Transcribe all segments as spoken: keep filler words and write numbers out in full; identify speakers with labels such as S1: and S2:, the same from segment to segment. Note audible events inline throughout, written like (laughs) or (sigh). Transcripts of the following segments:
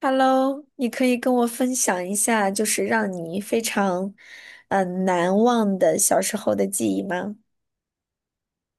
S1: Hello，你可以跟我分享一下，就是让你非常，呃，难忘的小时候的记忆吗？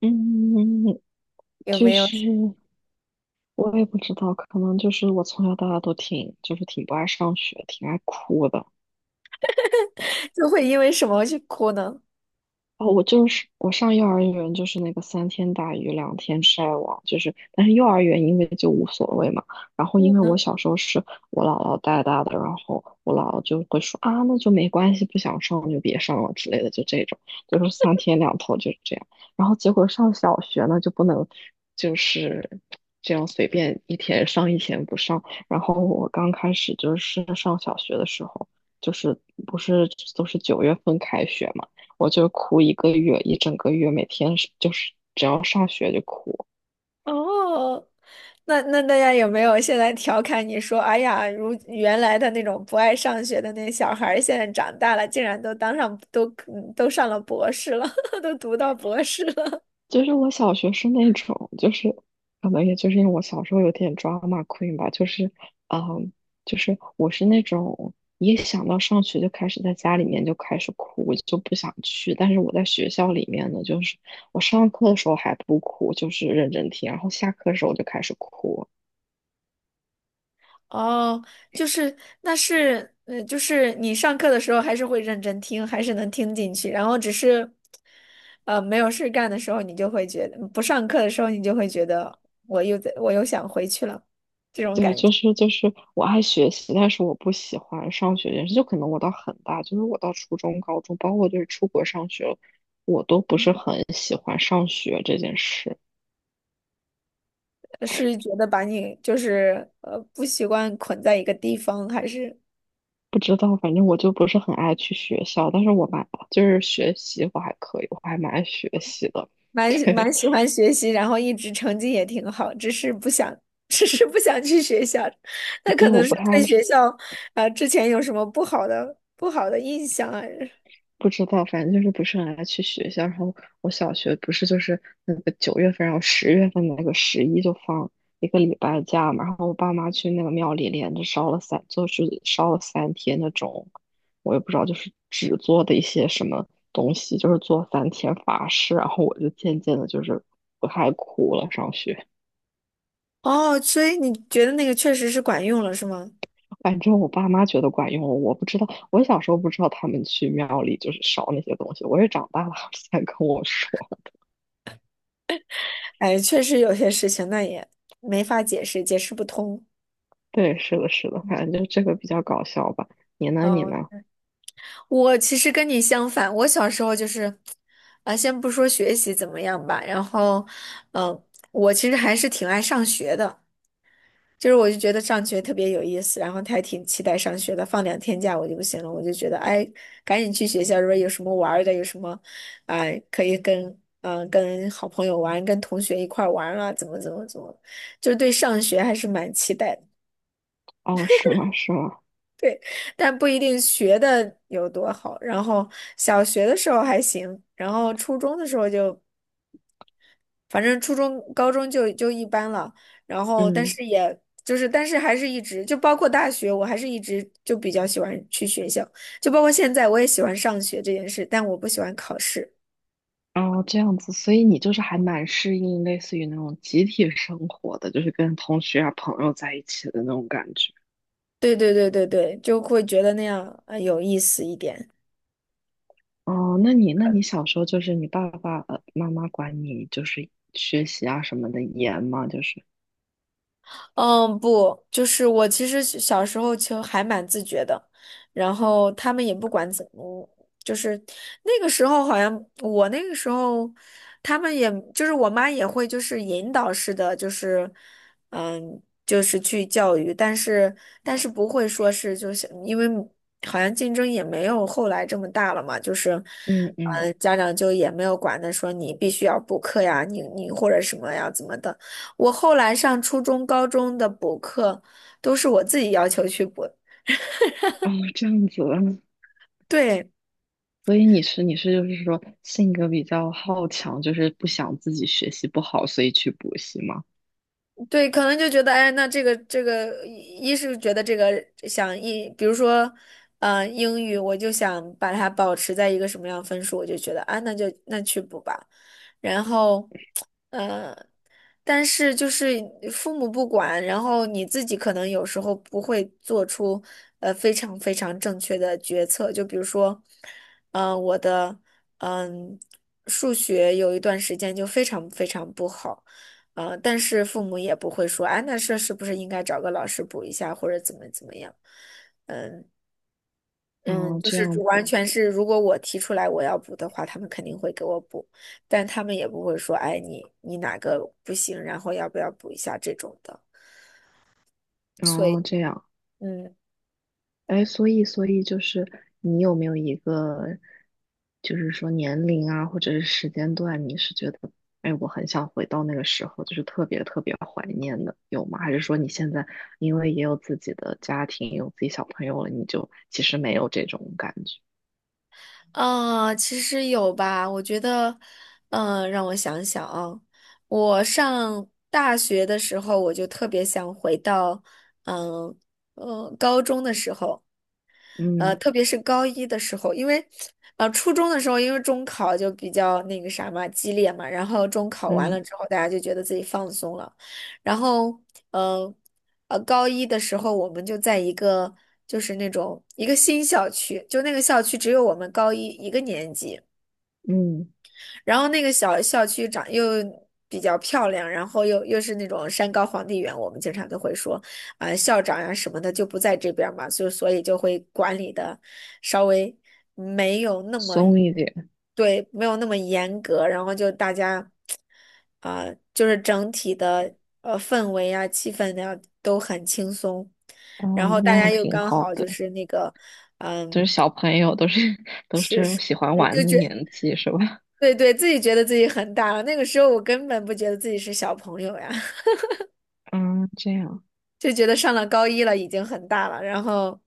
S2: 嗯，
S1: 有
S2: 就
S1: 没有
S2: 是我也不知道，可能就是我从小到大都挺，就是挺不爱上学，挺爱哭的。
S1: (laughs) 就会因为什么去哭呢？
S2: 哦，我就是我上幼儿园就是那个三天打鱼两天晒网，就是但是幼儿园因为就无所谓嘛，然后因为我
S1: 嗯。
S2: 小时候是我姥姥带大的，然后我姥姥就会说啊那就没关系，不想上就别上了之类的，就这种，就是三天两头就是这样。然后结果上小学呢就不能就是这样随便一天上一天不上，然后我刚开始就是上小学的时候，就是不是都是九月份开学嘛。我就哭一个月，一整个月，每天是就是只要上学就哭。
S1: 哦，那那大家有没有现在调侃你说，哎呀，如原来的那种不爱上学的那小孩儿，现在长大了，竟然都当上都都上了博士了，(laughs) 都读到博士了。
S2: 就是我小学是那种，就是可能也就是因为我小时候有点 drama queen 吧，就是嗯，就是我是那种一想到上学就开始在家里面就开始哭，我就不想去。但是我在学校里面呢，就是我上课的时候还不哭，就是认真听，然后下课的时候我就开始哭。
S1: 哦，就是那是，呃，就是你上课的时候还是会认真听，还是能听进去，然后只是，呃，没有事干的时候，你就会觉得不上课的时候，你就会觉得我又在，我又想回去了。
S2: 对，就是就是我爱学习，但是我不喜欢上学这件事。就可能我到很大，就是我到初中、高中，包括就是出国上学，我都不是很喜欢上学这件事。
S1: 呃是觉得把你就是呃不习惯捆在一个地方，还是
S2: 不知道，反正我就不是很爱去学校，但是我蛮就是学习我还可以，我还蛮爱学习的。(laughs)
S1: 蛮
S2: 对，
S1: 蛮喜欢学习，然后一直成绩也挺好，只是不想，(laughs) 只是不想去学校，那可
S2: 对，
S1: 能
S2: 我
S1: 是
S2: 不太爱，
S1: 对学校，呃，之前有什么不好的不好的印象啊？
S2: 不知道，反正就是不是很爱去学校。然后我小学不是就是那个九月份，然后十月份那个十一就放一个礼拜假嘛。然后我爸妈去那个庙里连着烧了三，就是烧了三天那种，我也不知道，就是纸做的一些什么东西，就是做三天法事。然后我就渐渐的就是不太哭了。上学，
S1: 哦，所以你觉得那个确实是管用了，是吗？
S2: 反正我爸妈觉得管用，我不知道。我小时候不知道他们去庙里就是烧那些东西，我是长大了他们才跟我说。
S1: 哎，确实有些事情那也没法解释，解释不通。
S2: 对，是的，是的，反正就这个比较搞笑吧。你呢？你呢？
S1: 我其实跟你相反，我小时候就是，啊、先不说学习怎么样吧，然后，嗯、我其实还是挺爱上学的。就是我就觉得上学特别有意思，然后他还挺期待上学的。放两天假我就不行了，我就觉得哎，赶紧去学校，如果有什么玩儿的，有什么，哎，可以跟嗯、呃跟好朋友玩，跟同学一块儿玩儿啊，怎么怎么怎么，就是对上学还是蛮期待的。
S2: 哦，是吗？是吗？
S1: 对，但不一定学的有多好。然后小学的时候还行，然后初中的时候就。反正初中、高中就就一般了，然后但
S2: 嗯，
S1: 是也就是，但是还是一直就包括大学，我还是一直就比较喜欢去学校，就包括现在我也喜欢上学这件事，但我不喜欢考试。
S2: 哦，这样子，所以你就是还蛮适应类似于那种集体生活的，就是跟同学啊、朋友在一起的那种感觉。
S1: 对对对对对，就会觉得那样呃有意思一点。
S2: 哦，那你那你小时候就是你爸爸、呃妈妈管你就是学习啊什么的严吗？就是，
S1: 嗯，不，就是我其实小小时候就还蛮自觉的，然后他们也不管怎么，就是那个时候好像我那个时候，他们也就是我妈也会就是引导式的，就是嗯，就是去教育，但是但是不会说是就是因为好像竞争也没有后来这么大了嘛，就是
S2: 嗯嗯，
S1: 嗯，家长就也没有管的说你必须要补课呀，你你或者什么呀怎么的。我后来上初中、高中的补课都是我自己要求去补，
S2: 哦，这样子，(laughs)
S1: 对。
S2: 所以你是你是就是说性格比较好强，就是不想自己学习不好，所以去补习吗？
S1: 对，可能就觉得，哎，那这个这个，一一是觉得这个想一，比如说，呃，英语，我就想把它保持在一个什么样分数，我就觉得啊，那就那去补吧。然后，呃，但是就是父母不管，然后你自己可能有时候不会做出呃非常非常正确的决策，就比如说，呃，我的嗯、数学有一段时间就非常非常不好。呃，但是父母也不会说，啊，那这是不是应该找个老师补一下，或者怎么怎么样？嗯，
S2: 哦，
S1: 就
S2: 这
S1: 是
S2: 样
S1: 主完
S2: 子，
S1: 全是，如果我提出来我要补的话，他们肯定会给我补，但他们也不会说，哎，你你哪个不行，然后要不要补一下这种的。所以，
S2: 哦，这样，
S1: 嗯，
S2: 哎，所以，所以就是你有没有一个，就是说年龄啊，或者是时间段，你是觉得，哎，我很想回到那个时候，就是特别特别怀念的，有吗？还是说你现在因为也有自己的家庭，有自己小朋友了，你就其实没有这种感觉？
S1: 啊，其实有吧，我觉得，嗯，让我想想啊，我上大学的时候，我就特别想回到，嗯嗯，呃高中的时候。呃，
S2: 嗯
S1: 特别是高一的时候，因为呃初中的时候，因为中考就比较那个啥嘛，激烈嘛，然后中考完了
S2: 嗯
S1: 之后，大家就觉得自己放松了，然后呃呃高一的时候，我们就在一个就是那种一个新校区，就那个校区只有我们高一一个年级。
S2: 嗯，
S1: 然后那个小校区长又比较漂亮，然后又又是那种山高皇帝远，我们经常都会说，啊、校长呀、什么的就不在这边儿嘛，就所以就会管理的稍微没有那么，
S2: 松一点，
S1: 对，没有那么严格，然后就大家，啊、就是整体的呃氛围啊、气氛呀、都很轻松，
S2: 哦，
S1: 然后
S2: 那
S1: 大家
S2: 样
S1: 又
S2: 挺
S1: 刚
S2: 好
S1: 好就
S2: 的。
S1: 是那个，
S2: 就
S1: 嗯，
S2: 是小朋友都是 (laughs) 都
S1: 是
S2: 是
S1: 是，
S2: 喜欢
S1: 呃
S2: 玩
S1: 就
S2: 的
S1: 觉
S2: 年纪，是吧？
S1: 对对，自己觉得自己很大了。那个时候我根本不觉得自己是小朋友呀，(laughs)
S2: 嗯，这样
S1: 就觉得上了高一了已经很大了。然后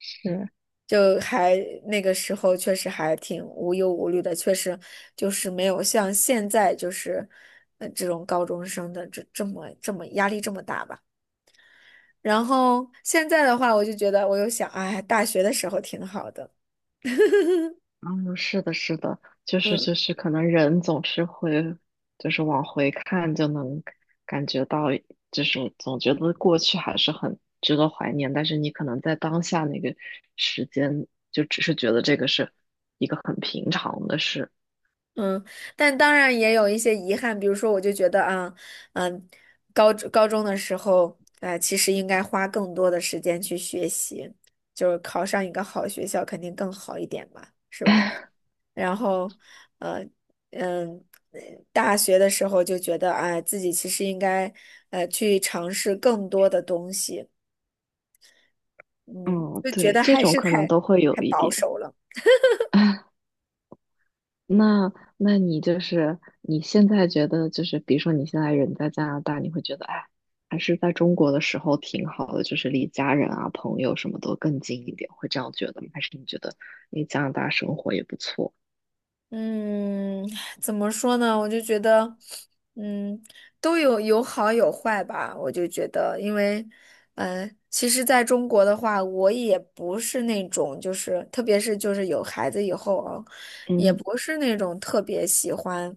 S2: 是。
S1: 就还那个时候确实还挺无忧无虑的，确实就是没有像现在就是呃这种高中生的这这么这么压力这么大吧。然后现在的话，我就觉得我又想，哎，大学的时候挺好的。
S2: 嗯，是的，是的，就是
S1: 嗯。
S2: 就是，可能人总是会，就是往回看就能感觉到，就是总觉得过去还是很值得怀念，但是你可能在当下那个时间，就只是觉得这个是一个很平常的事。
S1: 嗯，但当然也有一些遗憾，比如说，我就觉得啊，嗯，高高中的时候，呃，其实应该花更多的时间去学习，就是考上一个好学校肯定更好一点嘛。
S2: (laughs)
S1: 然后，呃，嗯，呃大学的时候就觉得，哎，自己其实应该，呃，去尝试更多的东西，嗯，
S2: 嗯，
S1: 就觉
S2: 对，
S1: 得
S2: 这
S1: 还
S2: 种
S1: 是
S2: 可能
S1: 太
S2: 都会有
S1: 太
S2: 一
S1: 保
S2: 点。
S1: 守了。
S2: (laughs) 那那你就是你现在觉得就是，比如说你现在人在加拿大，你会觉得哎，还是在中国的时候挺好的，就是离家人啊、朋友什么都更近一点，会这样觉得吗？还是你觉得你加拿大生活也不错？
S1: 嗯，怎么说呢？我就觉得，嗯，都有有好有坏吧。我就觉得，因为，嗯、其实在中国的话，我也不是那种，就是特别是就是有孩子以后啊，也
S2: 嗯，
S1: 不是那种特别喜欢。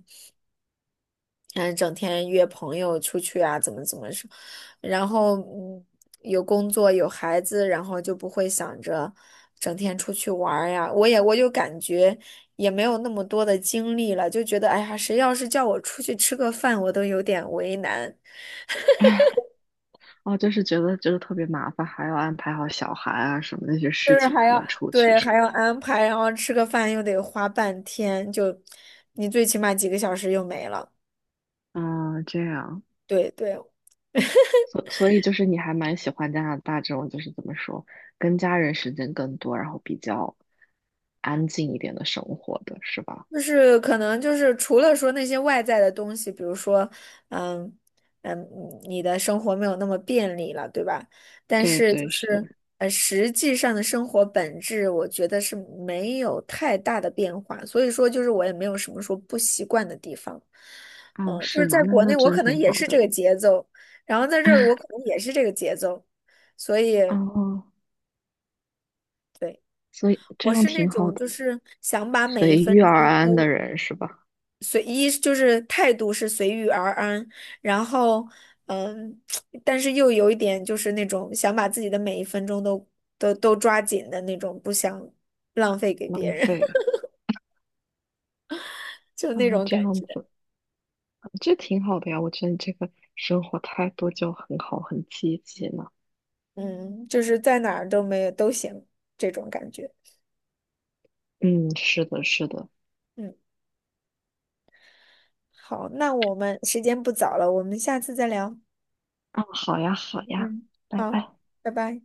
S1: 嗯，整天约朋友出去啊，怎么怎么说，然后嗯，有工作有孩子，然后就不会想着整天出去玩儿呀。我也我就感觉也没有那么多的精力了，就觉得哎呀，谁要是叫我出去吃个饭，我都有点为难，
S2: (laughs) 哦，就是觉得就是特别麻烦，还要安排好小孩啊什么那些
S1: 就
S2: 事
S1: 是
S2: 情
S1: 还
S2: 才
S1: 要
S2: 能出去，
S1: 对
S2: 是
S1: 还
S2: 吧？
S1: 要安排，然后吃个饭又得花半天，就你最起码几个小时又没了。
S2: 嗯，这样。
S1: 对对，
S2: 所所以就是你还蛮喜欢加拿大这种，就是怎么说，跟家人时间更多，然后比较安静一点的生活的是吧？
S1: 就是可能就是除了说那些外在的东西，比如说，嗯嗯，你的生活没有那么便利了，对吧？但
S2: 对
S1: 是就
S2: 对
S1: 是
S2: 是，
S1: 呃，实际上的生活本质，我觉得是没有太大的变化。所以说，就是我也没有什么说不习惯的地方。
S2: 哦
S1: 嗯，就
S2: 是
S1: 是
S2: 吗？
S1: 在
S2: 那
S1: 国
S2: 那
S1: 内，我
S2: 真
S1: 可能
S2: 挺
S1: 也
S2: 好
S1: 是这
S2: 的。
S1: 个节奏，然后在这儿我
S2: (laughs)
S1: 可能也是这个节奏，所以
S2: 哦，
S1: 对，
S2: 所以这
S1: 我
S2: 样
S1: 是那
S2: 挺好
S1: 种
S2: 的，
S1: 就是想把每一
S2: 随
S1: 分。
S2: 遇而
S1: 钟。
S2: 安的人是吧？
S1: 随一就是态度是随遇而安，然后嗯，(tsk) 但是又有一点就是那种想把自己的每一分钟都都都抓紧的那种，不想浪费给别
S2: 浪
S1: 人，
S2: 费
S1: (laughs) 就
S2: 啊，
S1: 那种
S2: 这
S1: 感
S2: 样
S1: 觉。
S2: 子，这挺好的呀。我觉得你这个生活态度就很好，很积极呢。
S1: 嗯，就是在哪儿都没有都行这种感觉。
S2: 嗯，是的，是的。
S1: 嗯，好，那我们时间不早了，我们下次再聊。
S2: 啊，好呀，好呀，
S1: 嗯，
S2: 拜
S1: 好，
S2: 拜。
S1: 拜拜。